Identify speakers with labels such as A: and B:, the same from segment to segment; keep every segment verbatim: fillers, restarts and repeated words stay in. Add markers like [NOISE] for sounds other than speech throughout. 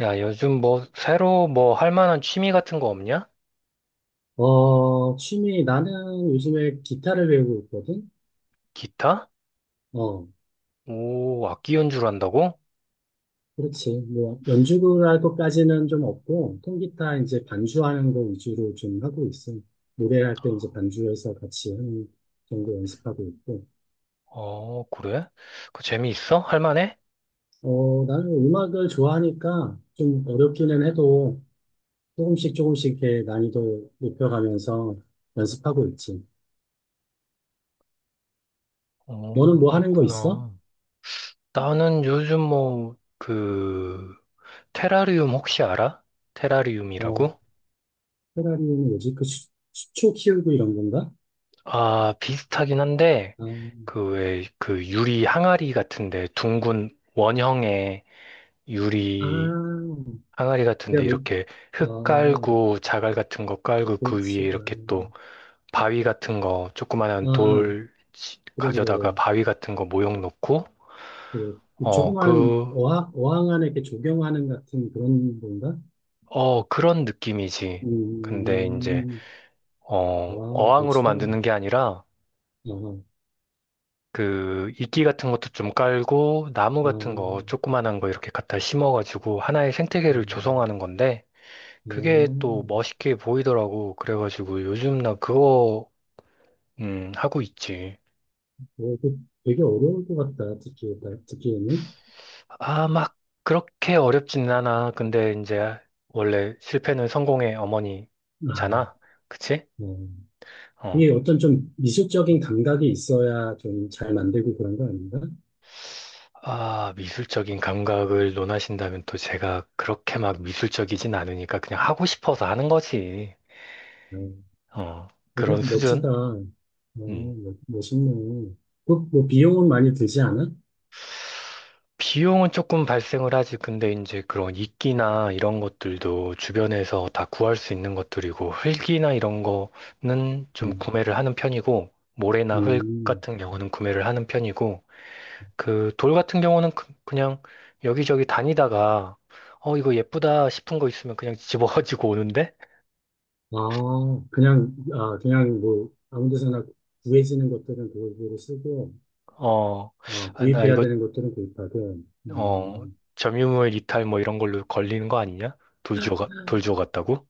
A: 야, 요즘 뭐, 새로 뭐, 할 만한 취미 같은 거 없냐?
B: 어, 취미, 나는 요즘에 기타를 배우고 있거든?
A: 기타?
B: 어,
A: 오, 악기 연주를 한다고?
B: 그렇지. 뭐, 연주를 할 것까지는 좀 없고, 통기타 이제 반주하는 거 위주로 좀 하고 있어. 노래할 때 이제 반주해서 같이 하는 정도 연습하고 있고.
A: 어, 그래? 그 재미있어? 할 만해?
B: 어, 나는 음악을 좋아하니까 좀 어렵기는 해도 조금씩 조금씩 이렇게 난이도 높여가면서 연습하고 있지.
A: 어,
B: 너는 뭐 하는 거 있어?
A: 그렇구나. 나는 요즘 뭐, 그, 테라리움 혹시 알아?
B: 어,
A: 테라리움이라고?
B: 페라리는 뭐지? 그 수, 수초 키우고 이런 건가?
A: 아, 비슷하긴 한데,
B: 아,
A: 그 왜, 그 유리 항아리 같은데, 둥근 원형의 유리
B: 아,
A: 항아리 같은데,
B: 내가 못,
A: 이렇게
B: 아,
A: 흙 깔고, 자갈 같은 거 깔고, 그 위에
B: 그렇지. 아,
A: 이렇게 또, 바위 같은 거, 조그만한
B: 아,
A: 돌 치-
B: 그래,
A: 가져다가
B: 그래.
A: 바위 같은 거 모형 놓고,
B: 그,
A: 어,
B: 조그만
A: 그,
B: 어항, 어항 안에 이렇게 조경하는 같은 그런 건가?
A: 어, 그런 느낌이지. 근데 이제,
B: 음,
A: 어,
B: 와,
A: 어항으로
B: 멋지다. 아,
A: 만드는 게 아니라,
B: 아, 아,
A: 그, 이끼 같은 것도 좀 깔고, 나무 같은 거, 조그만한 거 이렇게 갖다 심어가지고, 하나의
B: 아. 아.
A: 생태계를 조성하는 건데,
B: 어,
A: 그게 또 멋있게 보이더라고. 그래가지고, 요즘 나 그거, 음, 하고 있지.
B: 그 되게 어려울 것 같다, 듣기, 듣기에는.
A: 아, 막 그렇게 어렵진 않아. 근데 이제 원래 실패는 성공의
B: 아,
A: 어머니잖아. 그치?
B: 어.
A: 어.
B: 이게 어떤 좀 미술적인 감각이 있어야 좀 잘 만들고 그런 거 아닌가?
A: 아, 미술적인 감각을 논하신다면 또 제가 그렇게 막 미술적이진 않으니까 그냥 하고 싶어서 하는 거지.
B: 아.
A: 어. 그런
B: 거기도 멋지다.
A: 수준?
B: 어,
A: 음.
B: 멋- 멋있네. 그, 뭐, 비용은 많이 들지 않아?
A: 비용은 조금 발생을 하지. 근데 이제 그런 이끼나 이런 것들도 주변에서 다 구할 수 있는 것들이고, 흙이나 이런 거는 좀
B: 음,
A: 구매를 하는 편이고, 모래나 흙
B: 음.
A: 같은 경우는 구매를 하는 편이고, 그 돌 같은 경우는 그- 그냥 여기저기 다니다가, 어, 이거 예쁘다 싶은 거 있으면 그냥 집어가지고 [LAUGHS] 오는데,
B: 아, 그냥, 아, 그냥 뭐, 아무 데서나 구해지는 것들은 그걸 로 쓰고,
A: 어,
B: 아,
A: 아, 나
B: 구입해야
A: 이거,
B: 되는 것들은 구입하고,
A: 어,
B: 음,
A: 점유물 이탈 뭐 이런 걸로 걸리는 거 아니냐? 돌 주워, 가- 돌 주워 갔다고?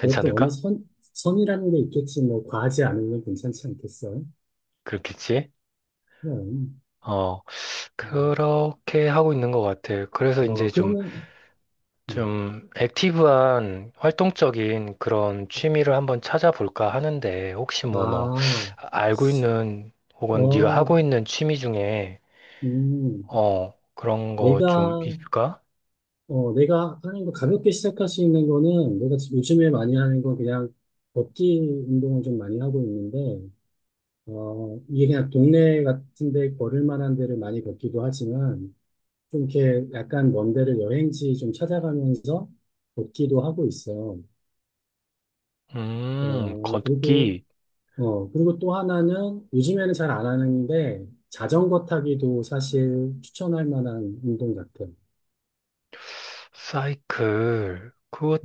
B: 그것도 어느 선, 선이라는 게 있겠지. 뭐, 과하지 않으면 괜찮지 않겠어?
A: 그렇겠지?
B: 그럼.
A: 어,
B: 음.
A: 그렇게 하고 있는 것 같아요. 그래서 이제
B: 와,
A: 좀,
B: 그러면, 음.
A: 좀 액티브한 활동적인 그런 취미를 한번 찾아볼까 하는데, 혹시 뭐 너
B: 아,
A: 알고 있는 혹은 네가
B: 어,
A: 하고 있는 취미 중에,
B: 음,
A: 어, 그런 거 좀
B: 내가
A: 있을까?
B: 어, 내가 하는 거 가볍게 시작할 수 있는 거는 내가 지금 요즘에 많이 하는 건 그냥 걷기 운동을 좀 많이 하고 있는데, 어, 이게 그냥 동네 같은데 걸을 만한 데를 많이 걷기도 하지만, 좀 이렇게 약간 먼 데를 여행지 좀 찾아가면서 걷기도 하고 있어.
A: 음,
B: 어, 그리고,
A: 걷기.
B: 어, 그리고 또 하나는 요즘에는 잘 안 하는데, 자전거 타기도 사실 추천할 만한 운동 같아.
A: 사이클.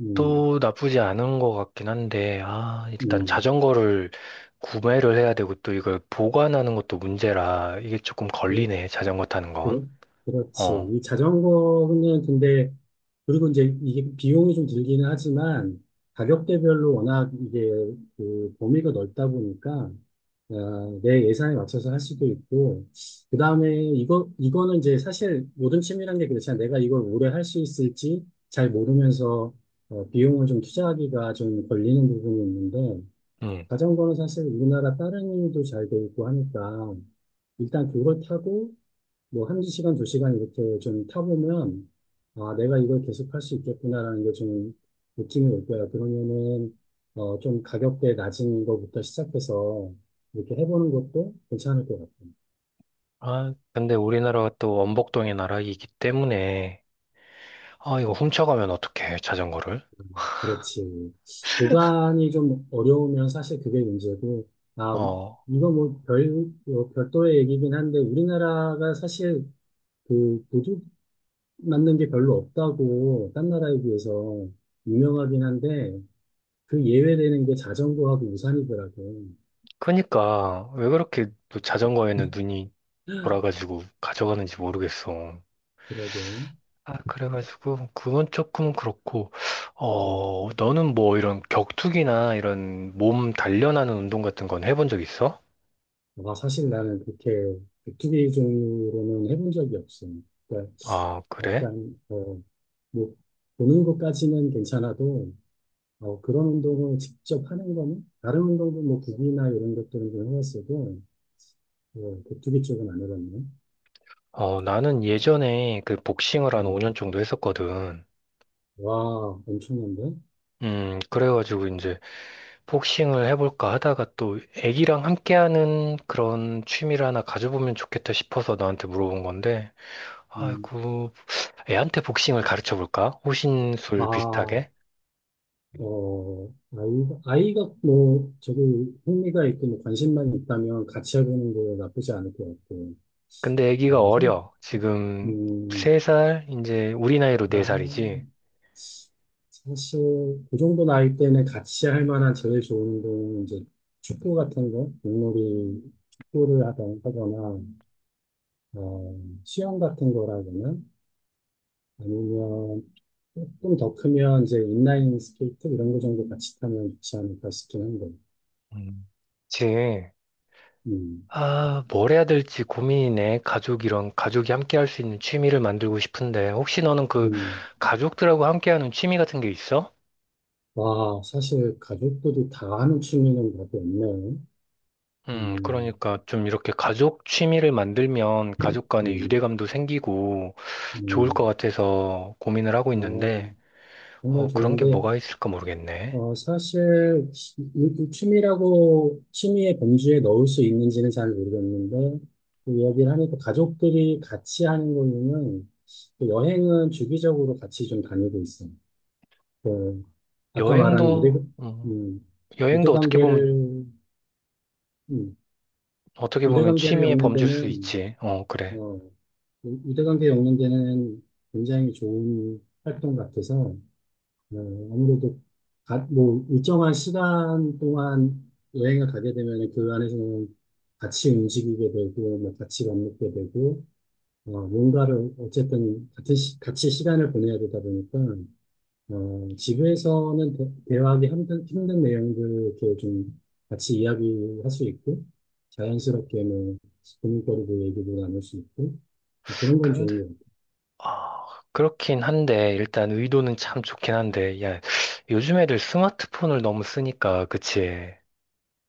B: 음,
A: 나쁘지 않은 것 같긴 한데, 아, 일단
B: 음.
A: 자전거를 구매를 해야 되고 또 이걸 보관하는 것도 문제라 이게 조금 걸리네, 자전거 타는
B: 그
A: 건.
B: 렇 그렇지.
A: 어,
B: 이 자전거는 근데, 그리고 이제 이게 비용이 좀 들기는 하지만, 가격대별로 워낙 이게 그 범위가 넓다 보니까, 어, 내 예산에 맞춰서 할 수도 있고, 그 다음에 이거, 이거는 이제 사실 모든 취미란 게 그렇잖아. 내가 이걸 오래 할 수 있을지 잘 모르면서, 어, 비용을 좀 투자하기가 좀 걸리는 부분이 있는데,
A: 음.
B: 자전거는 사실 우리나라 다른 일도 잘 돼 있고 하니까, 일단 그걸 타고 뭐 한두 시간, 두 시간 이렇게 좀 타보면 아 내가 이걸 계속 할 수 있겠구나라는 게 좀 느낌이 올 거야. 그러면은 어 좀 가격대 낮은 거부터 시작해서 이렇게 해보는 것도 괜찮을 것 같아.
A: 아, 근데 우리나라가 또 원복동의 나라이기 때문에, 아, 이거 훔쳐가면 어떡해, 자전거를.
B: 그렇지. 보관이 좀 어려우면 사실 그게 문제고 아
A: 어,
B: 이거 뭐별 별도의 얘기긴 한데 우리나라가 사실 그 도둑 맞는 게 별로 없다고 딴 나라에 비해서 유명하긴 한데 그 예외되는 게 자전거하고 우산이더라고요.
A: 그니까, 왜 그렇게 또 자전거에는 눈이 돌아가지고 가져가는지 모르겠어.
B: 그러고.
A: 아, 그래가지고, 그건 조금 그렇고,
B: 음.
A: 어, 너는 뭐 이런 격투기나 이런 몸 단련하는 운동 같은 건 해본 적 있어?
B: 아, 사실 나는 그렇게 백투기 종류로는 해본 적이 없어요. 그러니까
A: 아, 그래?
B: 약간, 어, 뭐, 보는 것까지는 괜찮아도, 어, 그런 운동을 직접 하는 거는, 다른 운동도 뭐, 구기나 이런 것들은 좀 해봤어도, 어, 격투기 쪽은 안 해봤네.
A: 어, 나는 예전에 그 복싱을 한
B: 음.
A: 오 년 정도 했었거든.
B: 와, 엄청난데?
A: 음, 그래가지고 이제 복싱을 해볼까 하다가 또 애기랑 함께하는 그런 취미를 하나 가져보면 좋겠다 싶어서 너한테 물어본 건데,
B: 음.
A: 아이고, 애한테 복싱을 가르쳐볼까? 호신술
B: 아,
A: 비슷하게?
B: 어, 아이가, 아이가 뭐, 저기 흥미가 있고 뭐 관심만 있다면 같이 해보는 거 나쁘지 않을 것 같고.
A: 근데 아기가
B: 그래서,
A: 어려. 지금
B: 음,
A: 세살, 이제 우리 나이로
B: 아,
A: 네살이지.
B: 사실, 그 정도 나이 때는 같이 할 만한 제일 좋은 운동은 이제 축구 같은 거, 공놀이, 축구를 하다- 하거나, 어, 수영 같은 거라거나, 아니면 조금 더 크면 이제 인라인 스케이트 이런 거 정도 같이 타면 좋지 않을까 싶긴 한데.
A: 음. 그치.
B: 음,
A: 아, 뭘 해야 될지 고민이네. 가족이랑 가족이 함께 할 수 있는 취미를 만들고 싶은데, 혹시 너는 그
B: 음.
A: 가족들하고 함께 하는 취미 같은 게 있어?
B: 와, 사실 가족들이 다 하는 취미는 답이 없네요.
A: 음,
B: 음,
A: 그러니까 좀 이렇게 가족 취미를 만들면 가족 간의
B: 음,
A: 유대감도 생기고 좋을 것
B: 음.
A: 같아서 고민을 하고
B: 어,
A: 있는데,
B: 정말
A: 어, 그런 게
B: 좋은데,
A: 뭐가 있을까 모르겠네.
B: 어, 사실 이- 이 취미라고 취미의 범주에 넣을 수 있는지는 잘 모르겠는데, 그 이야기를 하니까 가족들이 같이 하는 거는 그 여행은 주기적으로 같이 좀 다니고 있어요. 그 아까 말한 유대,
A: 여행도, 음,
B: 음,
A: 여행도 어떻게 보면
B: 유대관계를, 음,
A: 어떻게 보면
B: 유대관계를
A: 취미의
B: 엮는
A: 범주일 수
B: 데는
A: 있지. 어, 그래.
B: 유대관계 연관되는 굉장히 좋은 활동 같아서 어, 아무래도 가- 뭐 일정한 시간 동안 여행을 가게 되면 그 안에서는 같이 움직이게 되고 뭐 같이 밥 먹게 되고 어, 뭔가를 어쨌든 같은 시, 같이 시간을 보내야 되다 보니까 어, 집에서는 대, 대화하기 힘든, 힘든 내용들을 이렇게 좀 같이 이야기할 수 있고 자연스럽게 뭐 고민거리도 얘기도 나눌 수 있고 뭐 그런 건
A: 근데,
B: 좋은 것 같아요.
A: 아, 그렇긴 한데, 일단 의도는 참 좋긴 한데, 야, 요즘 애들 스마트폰을 너무 쓰니까, 그치?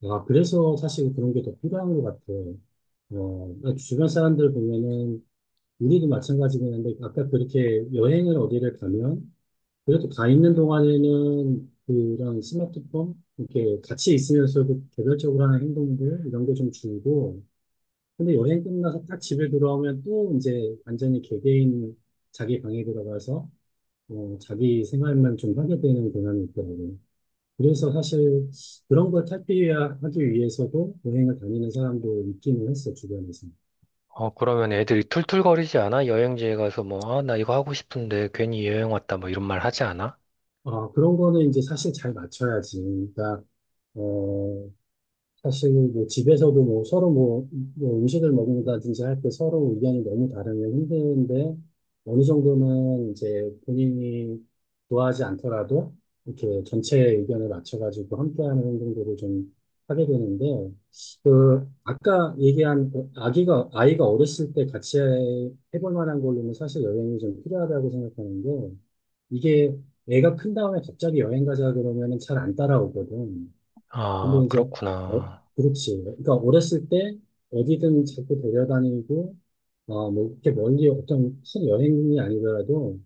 B: 아, 그래서 사실 그런 게 더 필요한 것 같아. 어, 그러니까 주변 사람들 보면은, 우리도 마찬가지긴 한데, 아까 그렇게 여행을 어디를 가면, 그래도 가 있는 동안에는 그런 스마트폰, 이렇게 같이 있으면서도 개별적으로 하는 행동들, 이런 게 좀 줄고, 근데 여행 끝나서 딱 집에 돌아오면 또 이제 완전히 개개인 자기 방에 들어가서, 어, 자기 생활만 좀 하게 되는 경향이 있더라고요. 그래서 사실 그런 걸 탈피하기 위해서도 여행을 다니는 사람도 있기는 했어, 주변에서.
A: 어, 그러면 애들이 툴툴거리지 않아? 여행지에 가서 뭐, 아, 나 이거 하고 싶은데 괜히 여행 왔다, 뭐 이런 말 하지 않아?
B: 아, 그런 거는 이제 사실 잘 맞춰야지. 그러니까, 어, 사실 뭐 집에서도 뭐 서로 뭐, 뭐 음식을 먹는다든지 할 때 서로 의견이 너무 다르면 힘든데 어느 정도는 이제 본인이 좋아하지 않더라도 이렇게 전체의 의견을 맞춰가지고 함께하는 행동들을 좀 하게 되는데 그 아까 얘기한 그 아기가 아이가 어렸을 때 같이 해볼 만한 걸로는 사실 여행이 좀 필요하다고 생각하는 게 이게 애가 큰 다음에 갑자기 여행 가자 그러면은 잘 안 따라오거든.
A: 아,
B: 근데 이제, 어,
A: 그렇구나.
B: 그렇지. 그러니까 어렸을 때 어디든 자꾸 데려다니고, 어, 뭐, 이렇게 멀리 어떤 큰 여행이 아니더라도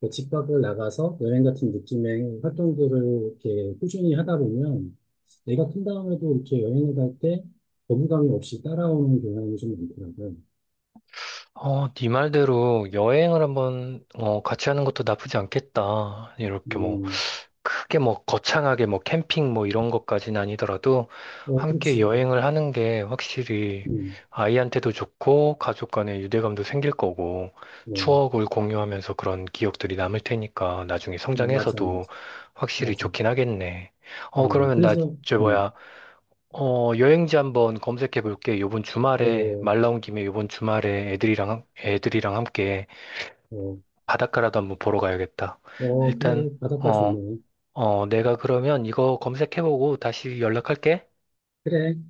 B: 그집 밖을 나가서 여행 같은 느낌의 활동들을 이렇게 꾸준히 하다 보면 내가 큰 다음에도 이렇게 여행을 갈 때 거부감이 없이 따라오는 경향이 좀 많더라고요.
A: 어, 네 말대로 여행을 한번, 어, 같이 하는 것도 나쁘지 않겠다. 이렇게 뭐.
B: 음,
A: 크게 뭐 거창하게 뭐 캠핑 뭐 이런 것까지는 아니더라도
B: 어,
A: 함께
B: 그렇지.
A: 여행을 하는 게 확실히
B: 음,
A: 아이한테도 좋고 가족 간의 유대감도 생길 거고
B: 어,
A: 추억을 공유하면서 그런 기억들이 남을 테니까 나중에
B: 음, 맞아,
A: 성장해서도
B: 맞아.
A: 확실히
B: 맞아.
A: 좋긴 하겠네. 어,
B: 어,
A: 그러면 나,
B: 그래서,
A: 저
B: 음,
A: 뭐야, 어, 여행지 한번 검색해 볼게. 요번 주말에,
B: 어,
A: 말 나온 김에 요번 주말에 애들이랑, 애들이랑 함께
B: 어,
A: 바닷가라도 한번 보러 가야겠다.
B: 어, 그래.
A: 일단,
B: 바닷가
A: 어,
B: 좋네.
A: 어, 내가 그러면 이거 검색해보고 다시 연락할게.
B: 그래.